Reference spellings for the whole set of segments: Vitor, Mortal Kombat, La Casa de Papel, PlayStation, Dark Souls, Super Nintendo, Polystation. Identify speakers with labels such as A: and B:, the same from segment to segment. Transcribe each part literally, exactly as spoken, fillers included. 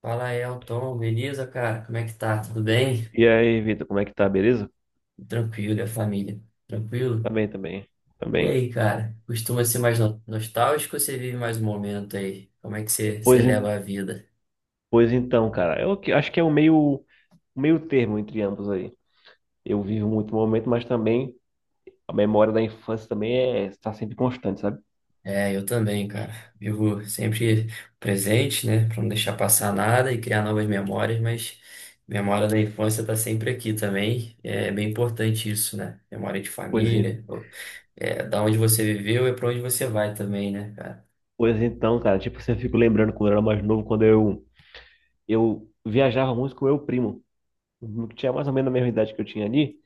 A: Fala, Elton, beleza, cara? Como é que tá? Tudo bem?
B: E aí, Vitor, como é que tá? Beleza?
A: Tranquilo, e a família?
B: Tá
A: Tranquilo?
B: bem também. Tá
A: E
B: bem.
A: aí, cara? Costuma ser mais no- nostálgico ou você vive mais um momento aí? Como é que você, você
B: Pois, en-
A: leva a vida?
B: pois então, cara, eu que- acho que é o meio, um meio termo entre ambos aí. Eu vivo muito o momento, mas também a memória da infância também é, está sempre constante, sabe?
A: É, eu também, cara. Vivo sempre presente, né? Pra não deixar passar nada e criar novas memórias, mas memória da infância tá sempre aqui também. É bem importante isso, né? Memória de
B: Pois, en-
A: família, ou- é, da onde você viveu é pra onde você vai também, né, cara?
B: pois então, cara, tipo, você fica lembrando quando eu era mais novo, quando eu, eu viajava muito com o meu primo, que tinha mais ou menos a mesma idade que eu tinha ali,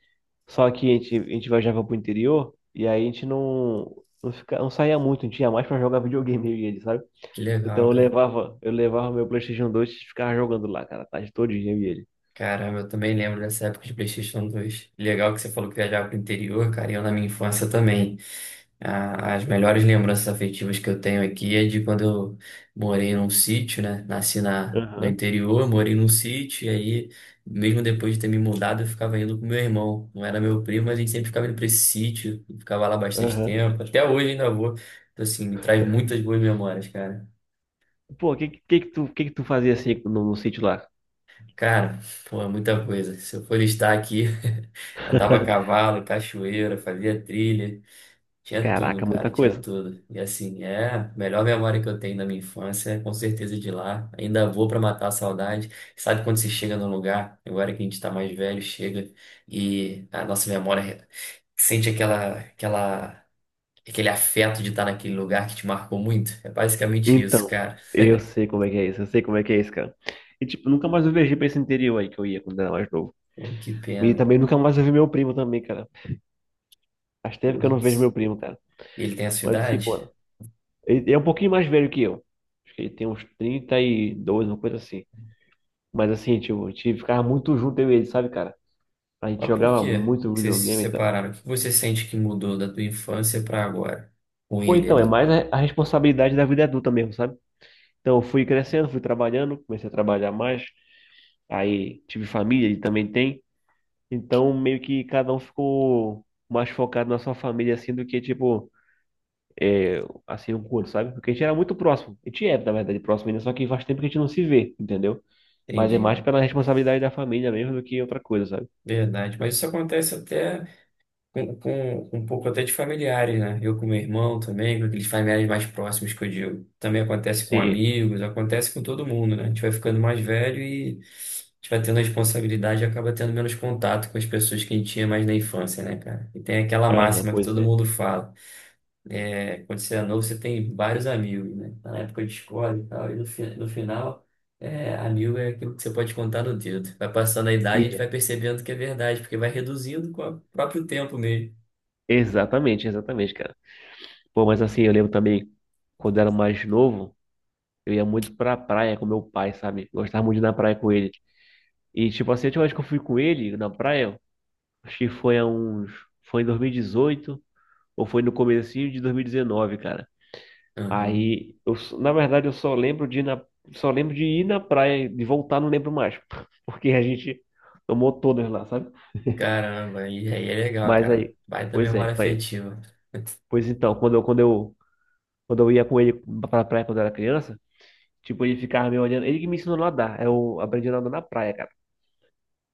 B: só que a gente, a gente viajava pro interior e aí a gente não, não, fica, não saía muito, a gente ia mais pra jogar videogame, eu e ele, sabe?
A: Que
B: Então
A: legal,
B: eu
A: cara.
B: levava, eu levava meu PlayStation dois e ficava jogando lá, cara, a tarde todinha eu e ele.
A: Caramba, eu também lembro dessa época de PlayStation dois. Legal que você falou que viajava pro interior, cara, e eu na minha infância também. A- as melhores lembranças afetivas que eu tenho aqui é de quando eu morei num sítio, né? Nasci na, no
B: Aham,
A: interior, morei num sítio, e aí, mesmo depois de ter me mudado, eu ficava indo com meu irmão. Não era meu primo, mas a gente sempre ficava indo pra esse sítio, ficava lá bastante
B: aham.
A: tempo. Até hoje ainda vou. Então, assim, me traz muitas boas memórias, cara.
B: Pô, o que, que que tu, que que tu fazia assim no, no sítio lá?
A: Cara, pô, é muita coisa. Se eu for listar aqui, andava a cavalo, cachoeira, fazia trilha, tinha tudo,
B: Caraca, muita
A: cara, tinha
B: coisa.
A: tudo. E assim, é a melhor memória que eu tenho da minha infância, é com certeza de lá. Ainda vou pra matar a saudade. Sabe quando você chega num lugar, agora que a gente tá mais velho, chega e a nossa memória sente aquela, aquela, aquele afeto de estar naquele lugar que te marcou muito? É basicamente isso,
B: Então,
A: cara.
B: eu sei como é que é isso, eu sei como é que é isso, cara. E tipo, nunca mais eu viajei pra esse interior aí que eu ia quando era mais novo.
A: Pô, que
B: E
A: pena.
B: também nunca mais eu vi meu primo também, cara. Faz tempo que eu não vejo meu
A: Putz.
B: primo, cara.
A: E ele tem a sua
B: Mas assim,
A: idade?
B: pô, ele é um pouquinho mais velho que eu. Acho que ele tem uns trinta e dois, uma coisa assim. Mas assim, tipo, a gente ficava muito junto eu e ele, sabe, cara? A gente
A: Mas por
B: jogava
A: quê
B: muito
A: que vocês se
B: videogame, então.
A: separaram? O que você sente que mudou da tua infância para agora com
B: Ou
A: ele
B: então, é mais
A: ali?
B: a a responsabilidade da vida adulta mesmo, sabe? Então, eu fui crescendo, fui trabalhando, comecei a trabalhar mais. Aí, tive família, ele também tem. Então, meio que cada um ficou mais focado na sua família, assim, do que, tipo, assim, um curso, sabe? Porque a gente era muito próximo. A gente é, na verdade, próximo ainda, só que faz tempo que a gente não se vê, entendeu? Mas é
A: Entendi.
B: mais pela responsabilidade da família mesmo do que outra coisa, sabe?
A: Verdade. Mas isso acontece até com, com, com um pouco até de familiares, né? Eu com meu irmão também, com aqueles familiares mais próximos que eu digo. Também acontece com
B: Sim.
A: amigos, acontece com todo mundo, né? A gente vai ficando mais velho e a gente vai tendo responsabilidade e acaba tendo menos contato com as pessoas que a gente tinha mais na infância, né, cara? E tem aquela
B: Aham,
A: máxima que
B: pois
A: todo
B: é.
A: mundo fala. É, quando você é novo, você tem vários amigos, né? Tá na época de escola e tal, e no, fi- no final, é, amigo é aquilo que você pode contar no dedo. Vai passando a idade, a gente
B: E-
A: vai percebendo que é verdade, porque vai reduzindo com o próprio tempo mesmo.
B: Exatamente, exatamente, cara. Pô, mas assim, eu lembro também, quando eu era mais novo, eu ia muito pra praia com meu pai, sabe? Gostava muito de ir na praia com ele. E, tipo assim, a última vez que eu fui com ele na praia, acho que foi há uns. Foi em dois mil e dezoito, ou foi no comecinho de dois mil e dezenove, cara.
A: Aham.
B: Aí, eu, só- na verdade, eu só lembro de ir na. Só lembro de ir na praia, de voltar, não lembro mais. Porque a gente tomou todas lá, sabe?
A: Caramba, e aí é legal,
B: Mas
A: cara.
B: aí.
A: Baita
B: Pois é,
A: memória
B: aí-
A: afetiva.
B: pois então, quando eu, quando eu, quando eu ia com ele pra praia quando eu era criança. Tipo, ele ficava me olhando. Ele que me ensinou a nadar. Eu aprendi a nadar na praia, cara.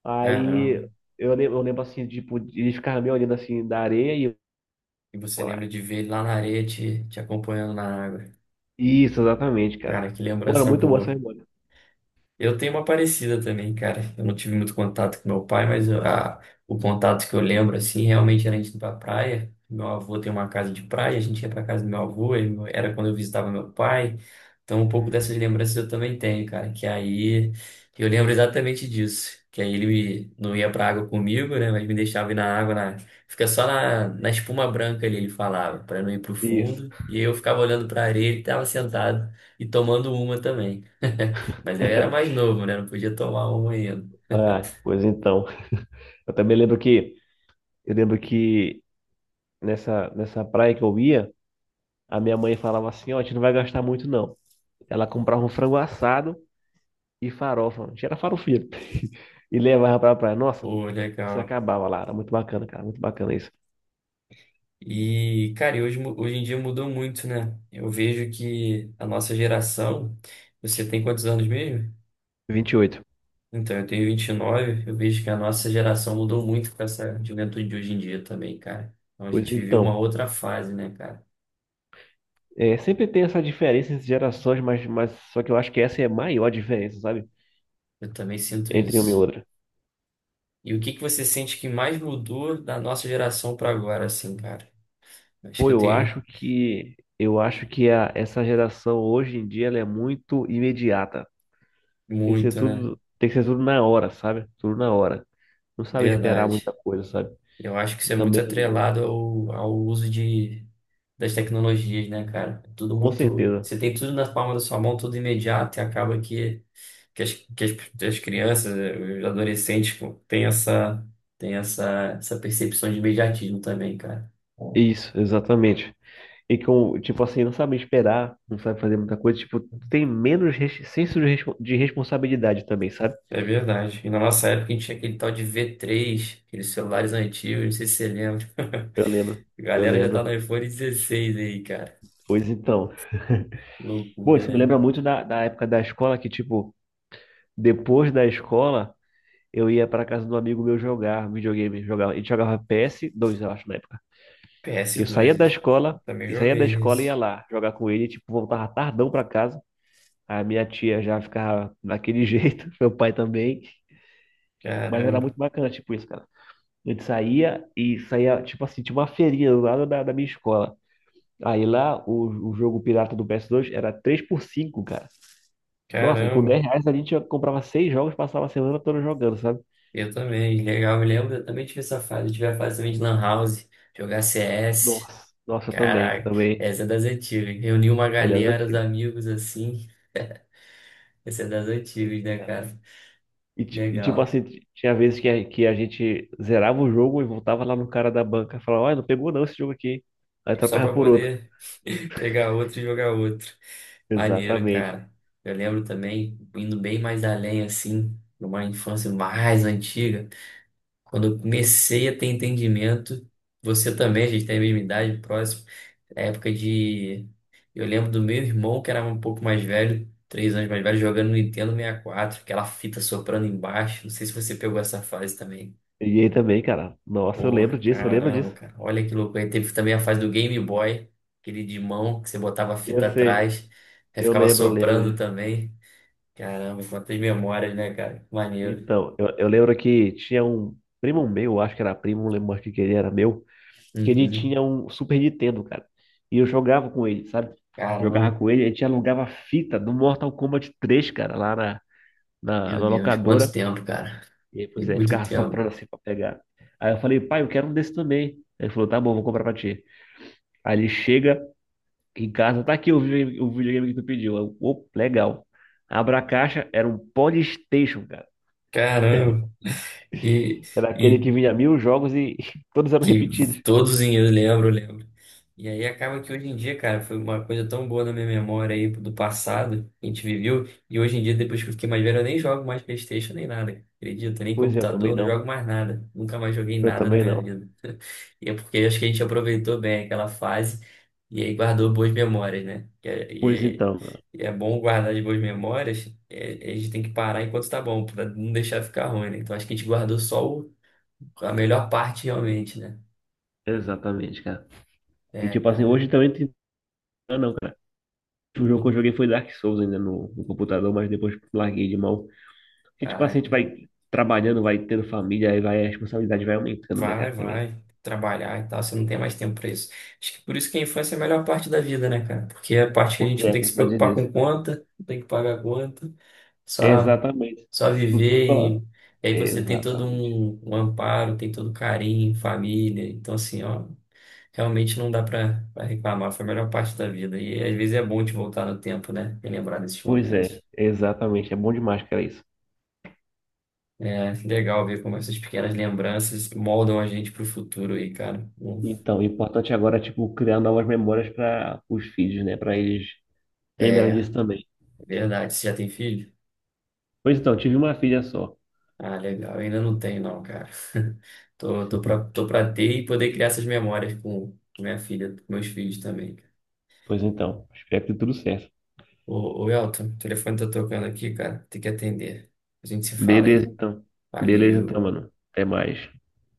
B: Aí
A: Caramba,
B: eu lembro, eu lembro assim, tipo, ele ficava me olhando assim da areia e eu
A: e você
B: ia lá.
A: lembra de ver ele lá na areia te, te acompanhando na água.
B: Isso, exatamente, cara.
A: Cara, que
B: Pô, era
A: lembrança
B: muito boa essa
A: boa.
B: memória.
A: Eu tenho uma parecida também, cara. Eu não tive muito contato com meu pai, mas eu- a- o contato que eu lembro, assim, realmente era a gente ir pra praia. Meu avô tem uma casa de praia, a gente ia pra casa do meu avô, e meu- era quando eu visitava meu pai. Então, um pouco dessas lembranças eu também tenho, cara. Que aí eu lembro exatamente disso. Que aí ele me- não ia pra água comigo, né? Mas me deixava ir na água, na, fica só na, na espuma branca ali, ele falava, pra não ir pro
B: Isso.
A: fundo. E eu ficava olhando pra areia, ele tava sentado e tomando uma também. Mas eu era mais novo, né? Não podia tomar uma ainda.
B: Ah, pois então. Eu também lembro que eu lembro que nessa, nessa praia que eu ia, a minha mãe falava assim, ó, a gente não vai gastar muito, não. Ela comprava um frango assado e farofa. A gente era farofeiro. E levava pra praia. Nossa,
A: Pô,
B: se
A: legal.
B: acabava lá. Era muito bacana, cara. Muito bacana isso.
A: E, cara, e hoje, mu- hoje em dia mudou muito, né? Eu vejo que a nossa geração. Você tem quantos anos mesmo?
B: Vinte e oito.
A: Então, eu tenho vinte e nove. Eu vejo que a nossa geração mudou muito com essa juventude de hoje em dia também, cara. Então, a
B: Pois
A: gente viveu uma
B: então,
A: outra fase, né, cara?
B: é, sempre tem essa diferença entre gerações, mas, mas só que eu acho que essa é a maior diferença, sabe?
A: Eu também sinto
B: Entre uma e
A: isso.
B: outra.
A: E o que que você sente que mais mudou da nossa geração para agora, assim, cara? Acho que
B: Pô,
A: eu
B: eu
A: tenho
B: acho que eu acho que a, essa geração hoje em dia ela é muito imediata. Tem que ser
A: muito, né?
B: tudo, tem que ser tudo na hora, sabe? Tudo na hora. Não sabe esperar muita
A: Verdade.
B: coisa, sabe?
A: Eu acho que
B: E
A: isso é muito
B: também,
A: atrelado ao, ao uso de, das tecnologias, né, cara? Tudo
B: com
A: muito.
B: certeza.
A: Você tem tudo na palma da sua mão, tudo imediato, e acaba que, que, as, que as, as crianças, eh, os adolescentes, pô, têm essa, têm essa, essa percepção de imediatismo também, cara.
B: Isso, exatamente. E com, tipo assim, não sabe esperar, não sabe fazer muita coisa, tipo, tem menos res- senso de respo- de responsabilidade também, sabe?
A: É verdade. E na nossa época a gente tinha aquele tal de v três, aqueles celulares antigos, não sei se você lembra.
B: Eu lembro.
A: A
B: Eu
A: galera já tá no
B: lembro.
A: iPhone dezesseis aí, cara.
B: Pois então.
A: Que
B: Bom,
A: loucura,
B: isso me
A: né?
B: lembra muito da, da época da escola que, tipo, depois da escola, eu ia para casa do amigo meu jogar videogame. Jogava, ele jogava P S dois, eu acho, na época.
A: ps
B: Eu saía
A: dois
B: da
A: isso. Eu
B: escola,
A: também
B: e saía da
A: joguei
B: escola e ia
A: esse.
B: lá jogar com ele, tipo, voltava tardão para casa. A minha tia já ficava daquele jeito, meu pai também. Mas era
A: Caramba,
B: muito bacana, tipo, isso, cara. A gente saía e saía, tipo assim, tinha uma feirinha do lado da, da minha escola. Aí lá, o, o jogo pirata do P S dois era três por cinco. Nossa, e com
A: caramba.
B: dez reais a gente comprava seis jogos, passava a semana toda jogando, sabe?
A: Eu também, legal. Eu lembro, eu também tive essa fase. Eu tive a fase também de Lan House, jogar C S.
B: Nossa, nossa, eu também, eu
A: Caraca,
B: também.
A: essa é das antigas. Reunir uma
B: É das
A: galera, os
B: antigas.
A: amigos assim. Essa é das
B: Pois
A: antigas, né,
B: é.
A: cara?
B: E, ti- e, tipo
A: Legal.
B: assim, ti- tinha vezes que a, que a gente zerava o jogo e voltava lá no cara da banca e falava: olha, não pegou não esse jogo aqui, hein? Aí
A: E só
B: trocava
A: pra
B: por outro.
A: poder pegar outro e jogar outro. Maneiro,
B: Exatamente.
A: cara. Eu lembro também, indo bem mais além, assim, numa infância mais antiga. Quando eu comecei a ter entendimento, você também, a gente tem a mesma idade, próximo, é época de. Eu lembro do meu irmão, que era um pouco mais velho, três anos mais velho, jogando no Nintendo sessenta e quatro, aquela fita soprando embaixo. Não sei se você pegou essa fase também.
B: E aí também, cara, nossa, eu
A: Pô,
B: lembro disso, eu lembro
A: caramba,
B: disso.
A: cara, olha que louco. Aí teve também a fase do Game Boy, aquele de mão, que você botava a
B: Eu
A: fita
B: sei,
A: atrás, aí
B: eu
A: ficava
B: lembro, eu lembro
A: soprando
B: disso.
A: também. Caramba, quantas memórias, né, cara? Maneiro.
B: Então, eu, eu lembro que tinha um primo meu, eu acho que era primo, não lembro mais o que que ele era meu. Que ele
A: Uhum.
B: tinha um Super Nintendo, cara. E eu jogava com ele, sabe?
A: Caramba,
B: Jogava com ele, a gente alugava fita do Mortal Kombat três, cara, lá na, na,
A: meu
B: na
A: Deus, quanto
B: locadora.
A: tempo, cara.
B: E aí,
A: Tem
B: pois é,
A: muito
B: ficava
A: tempo.
B: soprando assim pra pegar. Aí eu falei: pai, eu quero um desse também. Aí ele falou: tá bom, vou comprar pra ti. Aí ele chega em casa: tá aqui o videogame, o videogame que tu pediu. Eu: opa, legal. Abra a caixa, era um Polystation, cara.
A: Caramba. E,
B: Era aquele
A: e
B: que vinha mil jogos e todos eram
A: que
B: repetidos.
A: todos em eu lembro, lembro. E aí acaba que hoje em dia, cara, foi uma coisa tão boa na minha memória aí do passado, que a gente viveu, e hoje em dia, depois que eu fiquei mais velho, eu nem jogo mais PlayStation nem nada, cara. Acredita? Nem
B: Pois é, eu também
A: computador, não
B: não.
A: jogo mais nada. Nunca mais joguei
B: Eu
A: nada na
B: também
A: minha
B: não.
A: vida. E é porque acho que a gente aproveitou bem aquela fase e aí guardou boas memórias, né? E é, e
B: Pois
A: é,
B: então, mano.
A: e é bom guardar de boas memórias, é- a gente tem que parar enquanto tá bom, pra não deixar ficar ruim, né? Então acho que a gente guardou só o- a melhor parte realmente, né?
B: Exatamente, cara. E
A: É,
B: tipo assim,
A: cara.
B: hoje também tem. Ah, não, cara. O jogo que eu
A: Do,
B: joguei foi Dark Souls ainda no, no computador, mas depois larguei de mão. Porque tipo assim, a gente
A: caraca.
B: vai trabalhando, vai tendo família, aí vai, a responsabilidade vai aumentando, né,
A: Vai,
B: cara, também.
A: vai trabalhar e tal, você não tem mais tempo pra isso. Acho que por isso que a infância é a melhor parte da vida, né, cara? Porque é a parte que a
B: Pois
A: gente não
B: é,
A: tem que se
B: verdade
A: preocupar com
B: disso.
A: conta, não tem que pagar conta, só
B: Exatamente.
A: só
B: Isso tudo
A: viver e,
B: só.
A: e aí você tem todo
B: Exatamente.
A: um, um amparo, tem todo carinho, família. Então, assim, ó, realmente não dá pra, pra reclamar, foi a melhor parte da vida. E às vezes é bom te voltar no tempo, né? E lembrar desses
B: Pois é,
A: momentos.
B: exatamente. É bom demais, cara, isso.
A: É legal ver como essas pequenas lembranças moldam a gente pro futuro aí, cara. Bom,
B: Então, o importante agora é, tipo, criar novas memórias para os filhos, né? Para eles lembrarem
A: é,
B: disso também.
A: verdade, você já tem filho?
B: Pois então, tive uma filha só.
A: Ah, legal. Eu ainda não tenho, não, cara. Tô, tô pra, tô pra ter e poder criar essas memórias com com minha filha, com meus filhos também.
B: Pois então, espero que tudo certo.
A: Ô, ô Elton, o telefone tá tocando aqui, cara. Tem que atender. A gente se fala
B: Beleza,
A: aí.
B: então. Beleza, então,
A: Valeu.
B: mano. Até mais.